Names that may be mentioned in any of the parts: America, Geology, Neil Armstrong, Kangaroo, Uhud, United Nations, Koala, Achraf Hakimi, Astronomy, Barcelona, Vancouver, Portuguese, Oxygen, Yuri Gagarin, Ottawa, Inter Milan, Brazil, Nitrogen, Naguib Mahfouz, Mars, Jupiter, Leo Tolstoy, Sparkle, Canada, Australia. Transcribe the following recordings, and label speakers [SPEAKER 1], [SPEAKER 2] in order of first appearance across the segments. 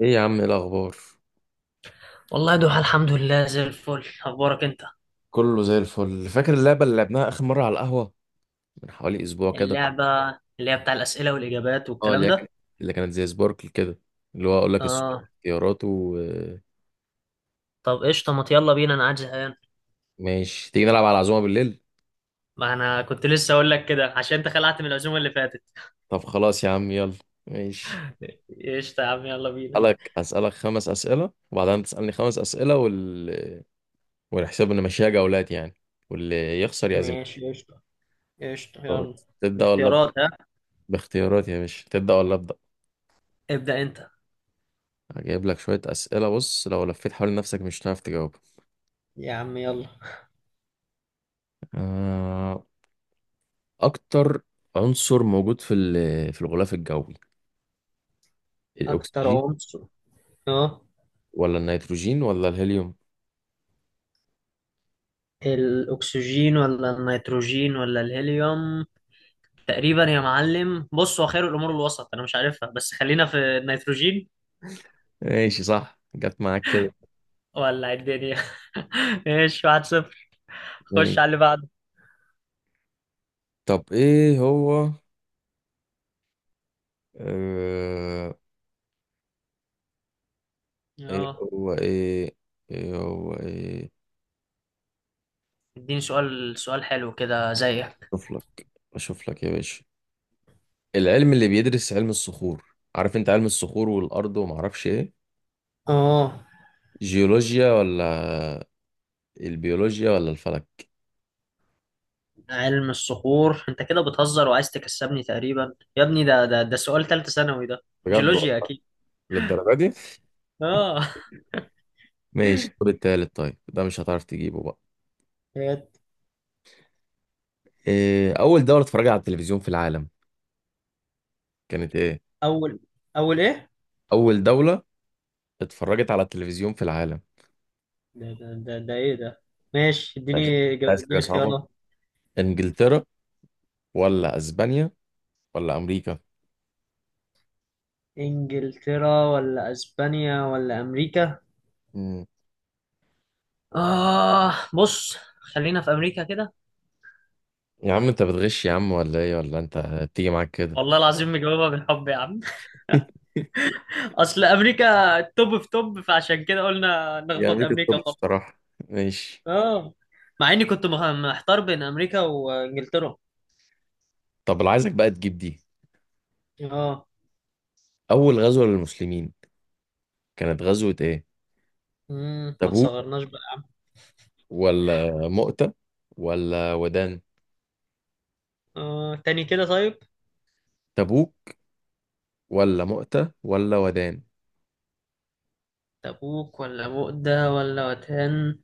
[SPEAKER 1] ايه يا عم، ايه الاخبار؟
[SPEAKER 2] والله يا دوحة، الحمد لله زي الفل. اخبارك انت؟
[SPEAKER 1] كله زي الفل. فاكر اللعبه اللي لعبناها اخر مره على القهوه من حوالي اسبوع كده؟
[SPEAKER 2] اللعبة اللي هي بتاع الأسئلة والإجابات
[SPEAKER 1] اه،
[SPEAKER 2] والكلام ده؟
[SPEAKER 1] اللي كانت زي سباركل كده، اللي هو اقول لك السؤال
[SPEAKER 2] اه.
[SPEAKER 1] اختيارات و
[SPEAKER 2] طب قشطة، ما يلا بينا انا قاعد زهقان.
[SPEAKER 1] ماشي. تيجي نلعب على العزومه بالليل؟
[SPEAKER 2] ما انا كنت لسه اقول لك كده عشان انت خلعت من العزومة اللي فاتت
[SPEAKER 1] طب خلاص يا عم، يلا. ماشي.
[SPEAKER 2] قشطة يا عم يلا بينا.
[SPEAKER 1] اسالك خمس اسئله، وبعدين تسالني خمس اسئله، والحساب ان ماشيه جولات يعني، واللي يخسر يعزم.
[SPEAKER 2] ماشي قشطة. قشطة يلا
[SPEAKER 1] تبدا ولا ابدا؟
[SPEAKER 2] باختيارات ها.
[SPEAKER 1] باختيارات يا باشا، تبدا ولا ابدا؟
[SPEAKER 2] ابدأ انت.
[SPEAKER 1] هجيب لك شويه اسئله. بص، لو لفيت حوالين نفسك مش هتعرف تجاوب.
[SPEAKER 2] يا عم يلا.
[SPEAKER 1] آه. اكتر عنصر موجود في الغلاف الجوي،
[SPEAKER 2] اكتر
[SPEAKER 1] الاكسجين
[SPEAKER 2] عنصر، اه.
[SPEAKER 1] ولا النيتروجين ولا الهيليوم؟
[SPEAKER 2] الاكسجين ولا النيتروجين ولا الهيليوم؟ تقريبا يا معلم، بص هو خير الامور الوسط. انا مش عارفها بس خلينا في النيتروجين.
[SPEAKER 1] ماشي، صح، جت معاك كده.
[SPEAKER 2] ولع الدنيا ايش، واحد صفر.
[SPEAKER 1] ماشي.
[SPEAKER 2] خش على اللي بعده.
[SPEAKER 1] طب ايه هو، آه... ايه
[SPEAKER 2] اه،
[SPEAKER 1] هو ايه، ايه هو ايه
[SPEAKER 2] اديني سؤال سؤال حلو كده زيك.
[SPEAKER 1] اشوف لك اشوف لك يا باشا. العلم اللي بيدرس علم الصخور، عارف انت؟ علم الصخور والارض وما اعرفش ايه،
[SPEAKER 2] اه،
[SPEAKER 1] جيولوجيا ولا البيولوجيا ولا الفلك؟
[SPEAKER 2] علم الصخور؟ انت كده بتهزر وعايز تكسبني. تقريبا يا ابني ده ده ده سؤال ثالثة ثانوي ده.
[SPEAKER 1] بجد والله،
[SPEAKER 2] جيولوجيا اكيد.
[SPEAKER 1] للدرجه دي؟
[SPEAKER 2] اه،
[SPEAKER 1] ماشي طب التالت، طيب ده مش هتعرف تجيبه بقى.
[SPEAKER 2] إيه؟
[SPEAKER 1] إيه، أول دولة اتفرجت على التلفزيون في العالم كانت ايه؟
[SPEAKER 2] اول اول ايه؟
[SPEAKER 1] أول دولة اتفرجت على التلفزيون في العالم.
[SPEAKER 2] ده ده ده، ده ايه ده؟ ماشي اديني.
[SPEAKER 1] عايز،
[SPEAKER 2] إجابة-
[SPEAKER 1] حاجه
[SPEAKER 2] اديني
[SPEAKER 1] صعبه.
[SPEAKER 2] خيارات.
[SPEAKER 1] إنجلترا ولا أسبانيا ولا أمريكا؟
[SPEAKER 2] انجلترا ولا اسبانيا ولا امريكا؟
[SPEAKER 1] مم.
[SPEAKER 2] اه بص، خلينا في امريكا كده.
[SPEAKER 1] يا عم أنت بتغش يا عم ولا إيه، ولا أنت بتيجي معاك كده؟
[SPEAKER 2] والله العظيم مجاوبها بالحب يا عم. اصل امريكا توب في توب، فعشان كده قلنا
[SPEAKER 1] هي
[SPEAKER 2] نخبط
[SPEAKER 1] امريكا
[SPEAKER 2] امريكا
[SPEAKER 1] الطب
[SPEAKER 2] خالص.
[SPEAKER 1] الصراحه. ماشي.
[SPEAKER 2] اه، مع اني كنت محتار بين امريكا وانجلترا.
[SPEAKER 1] طب اللي عايزك بقى تجيب دي،
[SPEAKER 2] اه.
[SPEAKER 1] أول غزوة للمسلمين كانت غزوة إيه؟
[SPEAKER 2] ما
[SPEAKER 1] تبوك
[SPEAKER 2] تصغرناش بقى.
[SPEAKER 1] ولا مؤتة ولا ودان؟
[SPEAKER 2] اه تاني كده طيب.
[SPEAKER 1] تبوك ولا مؤتة ولا ودان؟
[SPEAKER 2] تبوك ولا بؤدة ولا وتان؟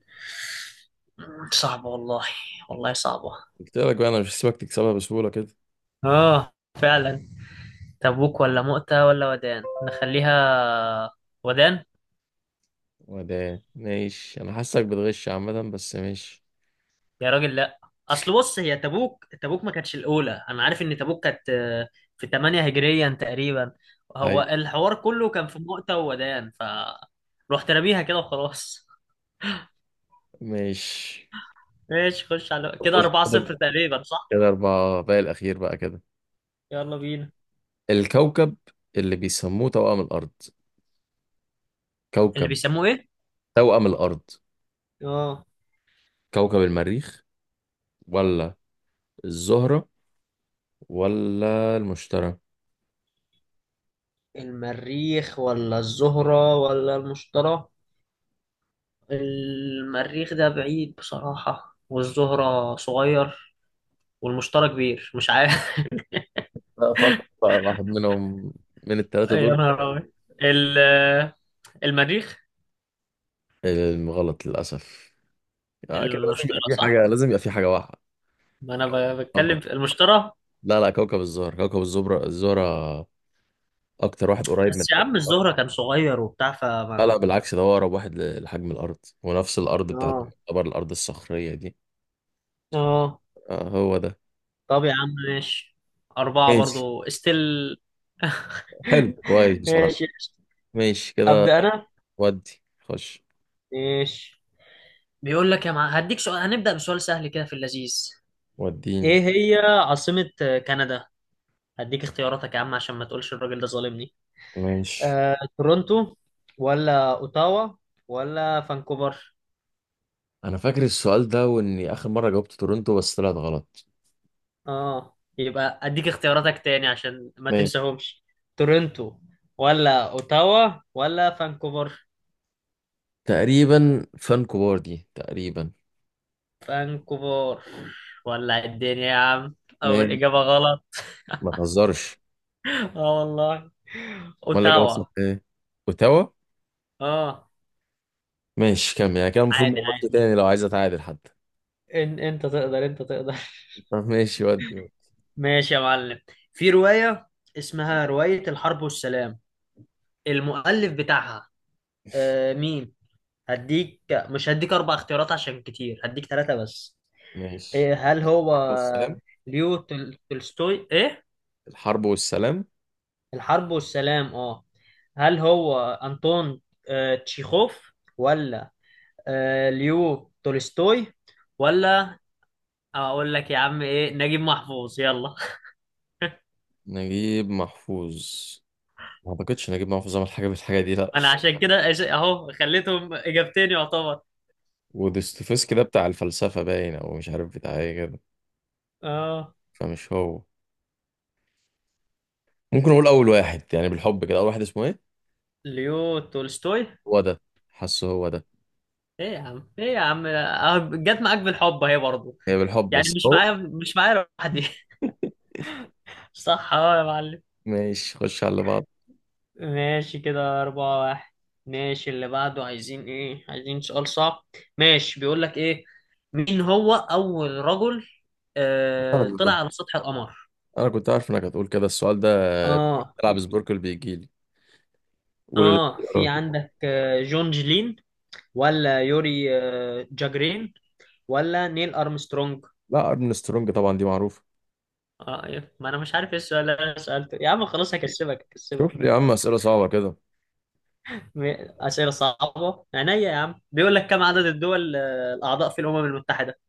[SPEAKER 2] صعبة والله. والله صعبة.
[SPEAKER 1] قلت لك بقى، أنا مش هسيبك تكسبها بسهولة كده.
[SPEAKER 2] اه فعلا. تبوك ولا مؤتة ولا ودان، نخليها ودان.
[SPEAKER 1] وده ماشي، انا حاسك بتغش عامة، بس ماشي.
[SPEAKER 2] يا راجل لا، اصل بص هي تبوك ما كانتش الاولى. انا عارف ان تبوك كانت في 8 هجريا تقريبا. هو
[SPEAKER 1] هاي.
[SPEAKER 2] الحوار كله كان في مؤتة وودان، ف رحت راميها كده وخلاص
[SPEAKER 1] ماشي،
[SPEAKER 2] ماشي خش على كده.
[SPEAKER 1] خش
[SPEAKER 2] 4-0
[SPEAKER 1] كده.
[SPEAKER 2] تقريبا صح.
[SPEAKER 1] كده اربعة باقي، الاخير بقى كده.
[SPEAKER 2] يلا بينا.
[SPEAKER 1] الكوكب اللي بيسموه توأم الارض،
[SPEAKER 2] اللي
[SPEAKER 1] كوكب،
[SPEAKER 2] بيسموه ايه؟
[SPEAKER 1] توأم الارض،
[SPEAKER 2] اه.
[SPEAKER 1] كوكب المريخ ولا الزهرة ولا المشتري؟
[SPEAKER 2] المريخ ولا الزهرة ولا المشتري؟ المريخ ده بعيد بصراحة، والزهرة صغير، والمشتري كبير. مش عارف
[SPEAKER 1] لا، فكر بقى واحد منهم من الثلاثة
[SPEAKER 2] يا
[SPEAKER 1] دول.
[SPEAKER 2] نهار أبيض. ال- آه، المريخ.
[SPEAKER 1] غلط للأسف. آه، كده لازم يبقى
[SPEAKER 2] المشترى
[SPEAKER 1] في حاجة،
[SPEAKER 2] صح.
[SPEAKER 1] واحدة.
[SPEAKER 2] ما انا بتكلم في المشترى.
[SPEAKER 1] لا لا، كوكب الزهرة، كوكب الزبرة، الزهرة أكتر واحد قريب من
[SPEAKER 2] بس يا
[SPEAKER 1] الحاجة.
[SPEAKER 2] عم الزهرة كان صغير وبتاع
[SPEAKER 1] لا لا
[SPEAKER 2] فما.
[SPEAKER 1] بالعكس، ده هو أقرب واحد لحجم الأرض، ونفس الأرض بتاعته
[SPEAKER 2] اه.
[SPEAKER 1] تعتبر الأرض الصخرية دي.
[SPEAKER 2] اه
[SPEAKER 1] آه هو ده.
[SPEAKER 2] طب يا عم ماشي. أربعة
[SPEAKER 1] ماشي،
[SPEAKER 2] برضو استل
[SPEAKER 1] حلو كويس بصراحة.
[SPEAKER 2] ماشي.
[SPEAKER 1] ماشي كده.
[SPEAKER 2] ابدا انا.
[SPEAKER 1] ودي خش.
[SPEAKER 2] ماشي بيقول لك هديك سؤال. هنبدأ بسؤال سهل كده في اللذيذ.
[SPEAKER 1] وديني.
[SPEAKER 2] ايه هي عاصمة كندا؟ هديك اختياراتك يا عم عشان ما تقولش الراجل ده ظالمني.
[SPEAKER 1] ماشي.
[SPEAKER 2] تورونتو ولا اوتاوا ولا فانكوفر؟
[SPEAKER 1] أنا فاكر السؤال ده، وإني آخر مرة جاوبت تورنتو بس طلعت غلط.
[SPEAKER 2] اه، يبقى اديك اختياراتك تاني عشان ما
[SPEAKER 1] ماشي،
[SPEAKER 2] تنساهمش. تورنتو ولا اوتاوا ولا فانكوفر؟
[SPEAKER 1] تقريبا فان كوبار دي تقريبا.
[SPEAKER 2] فانكوفر؟ ولا الدنيا يا عم، اول
[SPEAKER 1] ايه؟
[SPEAKER 2] اجابه غلط.
[SPEAKER 1] ما تهزرش.
[SPEAKER 2] اه والله.
[SPEAKER 1] امال اللي جابت صح
[SPEAKER 2] اوتاوا.
[SPEAKER 1] ايه؟ اوتاوا.
[SPEAKER 2] اه.
[SPEAKER 1] ماشي، كم يعني كده، المفروض ما
[SPEAKER 2] عادي
[SPEAKER 1] اقولش
[SPEAKER 2] عادي،
[SPEAKER 1] تاني لو عايز اتعادل حتى.
[SPEAKER 2] إن انت تقدر انت تقدر.
[SPEAKER 1] طب ماشي، ودي.
[SPEAKER 2] ماشي يا معلم، في روايه اسمها روايه الحرب والسلام، المؤلف بتاعها مين؟ هديك، مش هديك اربع اختيارات عشان كتير، هديك ثلاثه بس.
[SPEAKER 1] ماشي.
[SPEAKER 2] إيه، هل هو
[SPEAKER 1] الحرب والسلام.
[SPEAKER 2] ليو تولستوي ايه؟
[SPEAKER 1] الحرب والسلام.
[SPEAKER 2] الحرب والسلام. اه، هل هو انطون تشيخوف ولا ليو تولستوي ولا، اقول لك يا عم ايه، نجيب محفوظ يلا؟
[SPEAKER 1] نجيب محفوظ؟ ما اعتقدش نجيب محفوظ عمل حاجه بالحاجه دي، لا.
[SPEAKER 2] انا عشان كده اهو خليتهم اجابتين يعتبر.
[SPEAKER 1] ودوستويفسكي ده بتاع الفلسفه باين، او مش عارف بتاع ايه كده،
[SPEAKER 2] اه،
[SPEAKER 1] فمش هو. ممكن اقول اول واحد يعني بالحب كده، اول واحد اسمه ايه.
[SPEAKER 2] ليو تولستوي.
[SPEAKER 1] هو ده. حاسه هو ده.
[SPEAKER 2] ايه يا عم ايه يا عم، أهو جت معاك بالحب اهي برضه.
[SPEAKER 1] هي بالحب
[SPEAKER 2] يعني
[SPEAKER 1] بس
[SPEAKER 2] مش
[SPEAKER 1] هو.
[SPEAKER 2] معايا، مش معايا لوحدي صح. اه يا معلم،
[SPEAKER 1] ماشي، خش على اللي بعض.
[SPEAKER 2] ماشي كده أربعة واحد. ماشي اللي بعده، عايزين إيه؟ عايزين سؤال صعب. ماشي بيقول لك إيه، مين هو أول رجل
[SPEAKER 1] سهل
[SPEAKER 2] طلع
[SPEAKER 1] ده،
[SPEAKER 2] على سطح القمر؟
[SPEAKER 1] انا كنت عارف انك هتقول كده السؤال ده.
[SPEAKER 2] آه
[SPEAKER 1] بتلعب
[SPEAKER 2] في
[SPEAKER 1] سبوركل بيجيلي. قول
[SPEAKER 2] في
[SPEAKER 1] الاختيارات.
[SPEAKER 2] عندك جون جلين، ولا يوري جاجرين، ولا نيل أرمسترونج؟
[SPEAKER 1] لا، ارن سترونج طبعا، دي معروفه.
[SPEAKER 2] آه إيه؟ ما أنا مش عارف إيه السؤال اللي أنا سألته يا عم، خلاص هكسبك
[SPEAKER 1] شوف لي
[SPEAKER 2] هكسبك.
[SPEAKER 1] يا عم اسئله صعبه كده.
[SPEAKER 2] م- أسئلة صعبة عينيا يا عم، بيقول لك كم عدد الدول الأعضاء في الأمم المتحدة؟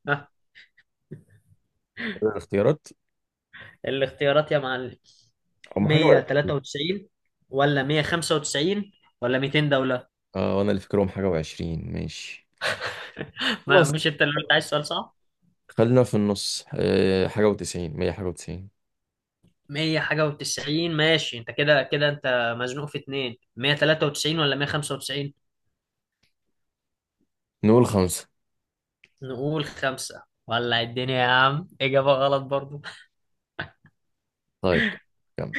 [SPEAKER 1] قول الاختيارات.
[SPEAKER 2] الاختيارات يا معلم.
[SPEAKER 1] هم حاجه وعشرين.
[SPEAKER 2] 193 ولا 195 ولا 200 دولة؟
[SPEAKER 1] اه، وانا اللي فاكرهم حاجه وعشرين. ماشي،
[SPEAKER 2] ما
[SPEAKER 1] خلاص،
[SPEAKER 2] مش انت اللي انت عايز سؤال صعب.
[SPEAKER 1] خلينا في النص، حاجة وتسعين، مية حاجة وتسعين.
[SPEAKER 2] 100 حاجة و90، ماشي. انت كده كده انت مزنوق في اتنين، 193 ولا 195.
[SPEAKER 1] نقول خمسة.
[SPEAKER 2] نقول خمسة. ولع الدنيا يا عم، إجابة غلط برضو.
[SPEAKER 1] طيب، كمل.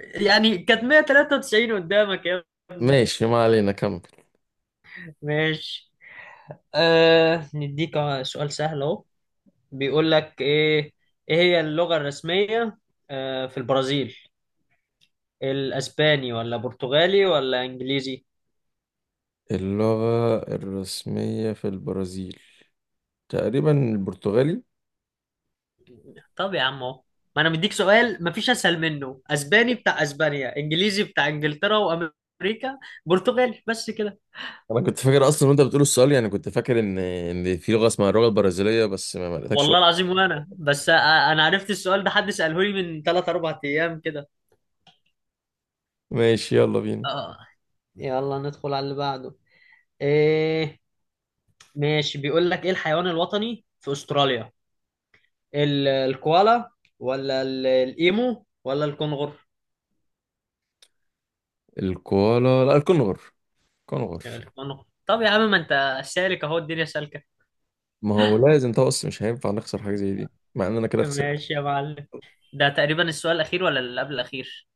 [SPEAKER 2] يعني كانت 193 قدامك يا ابني.
[SPEAKER 1] ماشي ما علينا، كمل.
[SPEAKER 2] ماشي. نديك سؤال سهل اهو. بيقول لك ايه، ايه هي اللغة الرسمية في البرازيل؟ الاسباني ولا برتغالي ولا انجليزي؟
[SPEAKER 1] اللغة الرسمية في البرازيل، تقريبا البرتغالي.
[SPEAKER 2] طب يا عم اهو، ما انا مديك سؤال مفيش اسهل منه. اسباني بتاع اسبانيا، انجليزي بتاع انجلترا وامريكا، برتغالي بس كده.
[SPEAKER 1] أنا كنت فاكر أصلا وأنت بتقول السؤال، يعني كنت فاكر إن في لغة اسمها اللغة البرازيلية، بس ما لقيتكش
[SPEAKER 2] والله
[SPEAKER 1] ولا.
[SPEAKER 2] العظيم وانا بس انا عرفت السؤال ده حد ساله لي من 3 4 ايام كده.
[SPEAKER 1] ماشي، يلا بينا.
[SPEAKER 2] اه يلا ندخل على اللي بعده. ايه؟ ماشي بيقول لك ايه، الحيوان الوطني في استراليا، الكوالا ولا الايمو ولا الكنغر؟
[SPEAKER 1] الكوالا، لا، الكونغر، كونغر.
[SPEAKER 2] الكنغر. طب يا عم ما انت سالك اهو، الدنيا سالكه.
[SPEAKER 1] ما هو لازم طقس، مش هينفع نخسر حاجة زي دي، مع إن أنا كده خسرت.
[SPEAKER 2] ماشي يا معلم. ده تقريبا السؤال الأخير ولا اللي قبل الأخير؟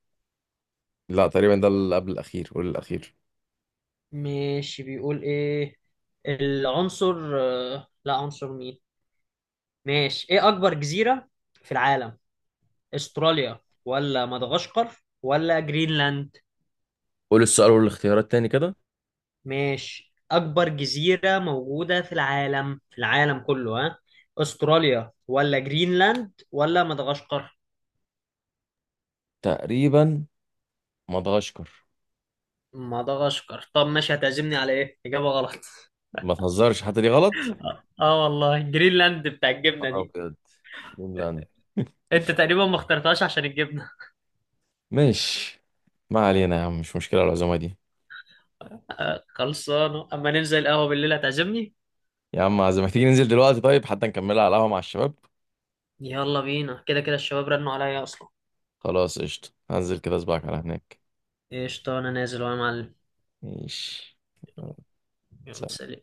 [SPEAKER 1] لا، تقريبا ده اللي قبل الأخير والأخير.
[SPEAKER 2] ماشي بيقول ايه، العنصر لا، عنصر مين. ماشي، ايه اكبر جزيرة في العالم؟ استراليا ولا مدغشقر ولا جرينلاند؟
[SPEAKER 1] قول السؤال والاختيارات تاني كده.
[SPEAKER 2] ماشي، اكبر جزيرة موجودة في العالم، في العالم كله ها. استراليا ولا جرينلاند ولا مدغشقر؟
[SPEAKER 1] تقريبا مدغشقر.
[SPEAKER 2] مدغشقر. طب ماشي، هتعزمني على إيه؟ إجابة غلط
[SPEAKER 1] ما تهزرش، حتى دي غلط.
[SPEAKER 2] اه والله، جرينلاند بتاع الجبنة
[SPEAKER 1] اه
[SPEAKER 2] دي.
[SPEAKER 1] بجد، جرينلاند.
[SPEAKER 2] انت تقريبا ما اخترتهاش عشان الجبنه.
[SPEAKER 1] ماشي، ما علينا يا عم، مش مشكلة العزومة دي.
[SPEAKER 2] خلصانه، اما ننزل القهوه بالليل هتعزمني.
[SPEAKER 1] يا عم، عزومة، تيجي ننزل دلوقتي طيب حتى نكملها على القهوة مع الشباب.
[SPEAKER 2] يلا بينا، كده كده الشباب رنوا عليا اصلا.
[SPEAKER 1] خلاص قشطة، هنزل كده أسبوعك على هناك.
[SPEAKER 2] قشطه، انا نازل وانا معلم.
[SPEAKER 1] ماشي، يلا،
[SPEAKER 2] يلا،
[SPEAKER 1] سلام.
[SPEAKER 2] سلام.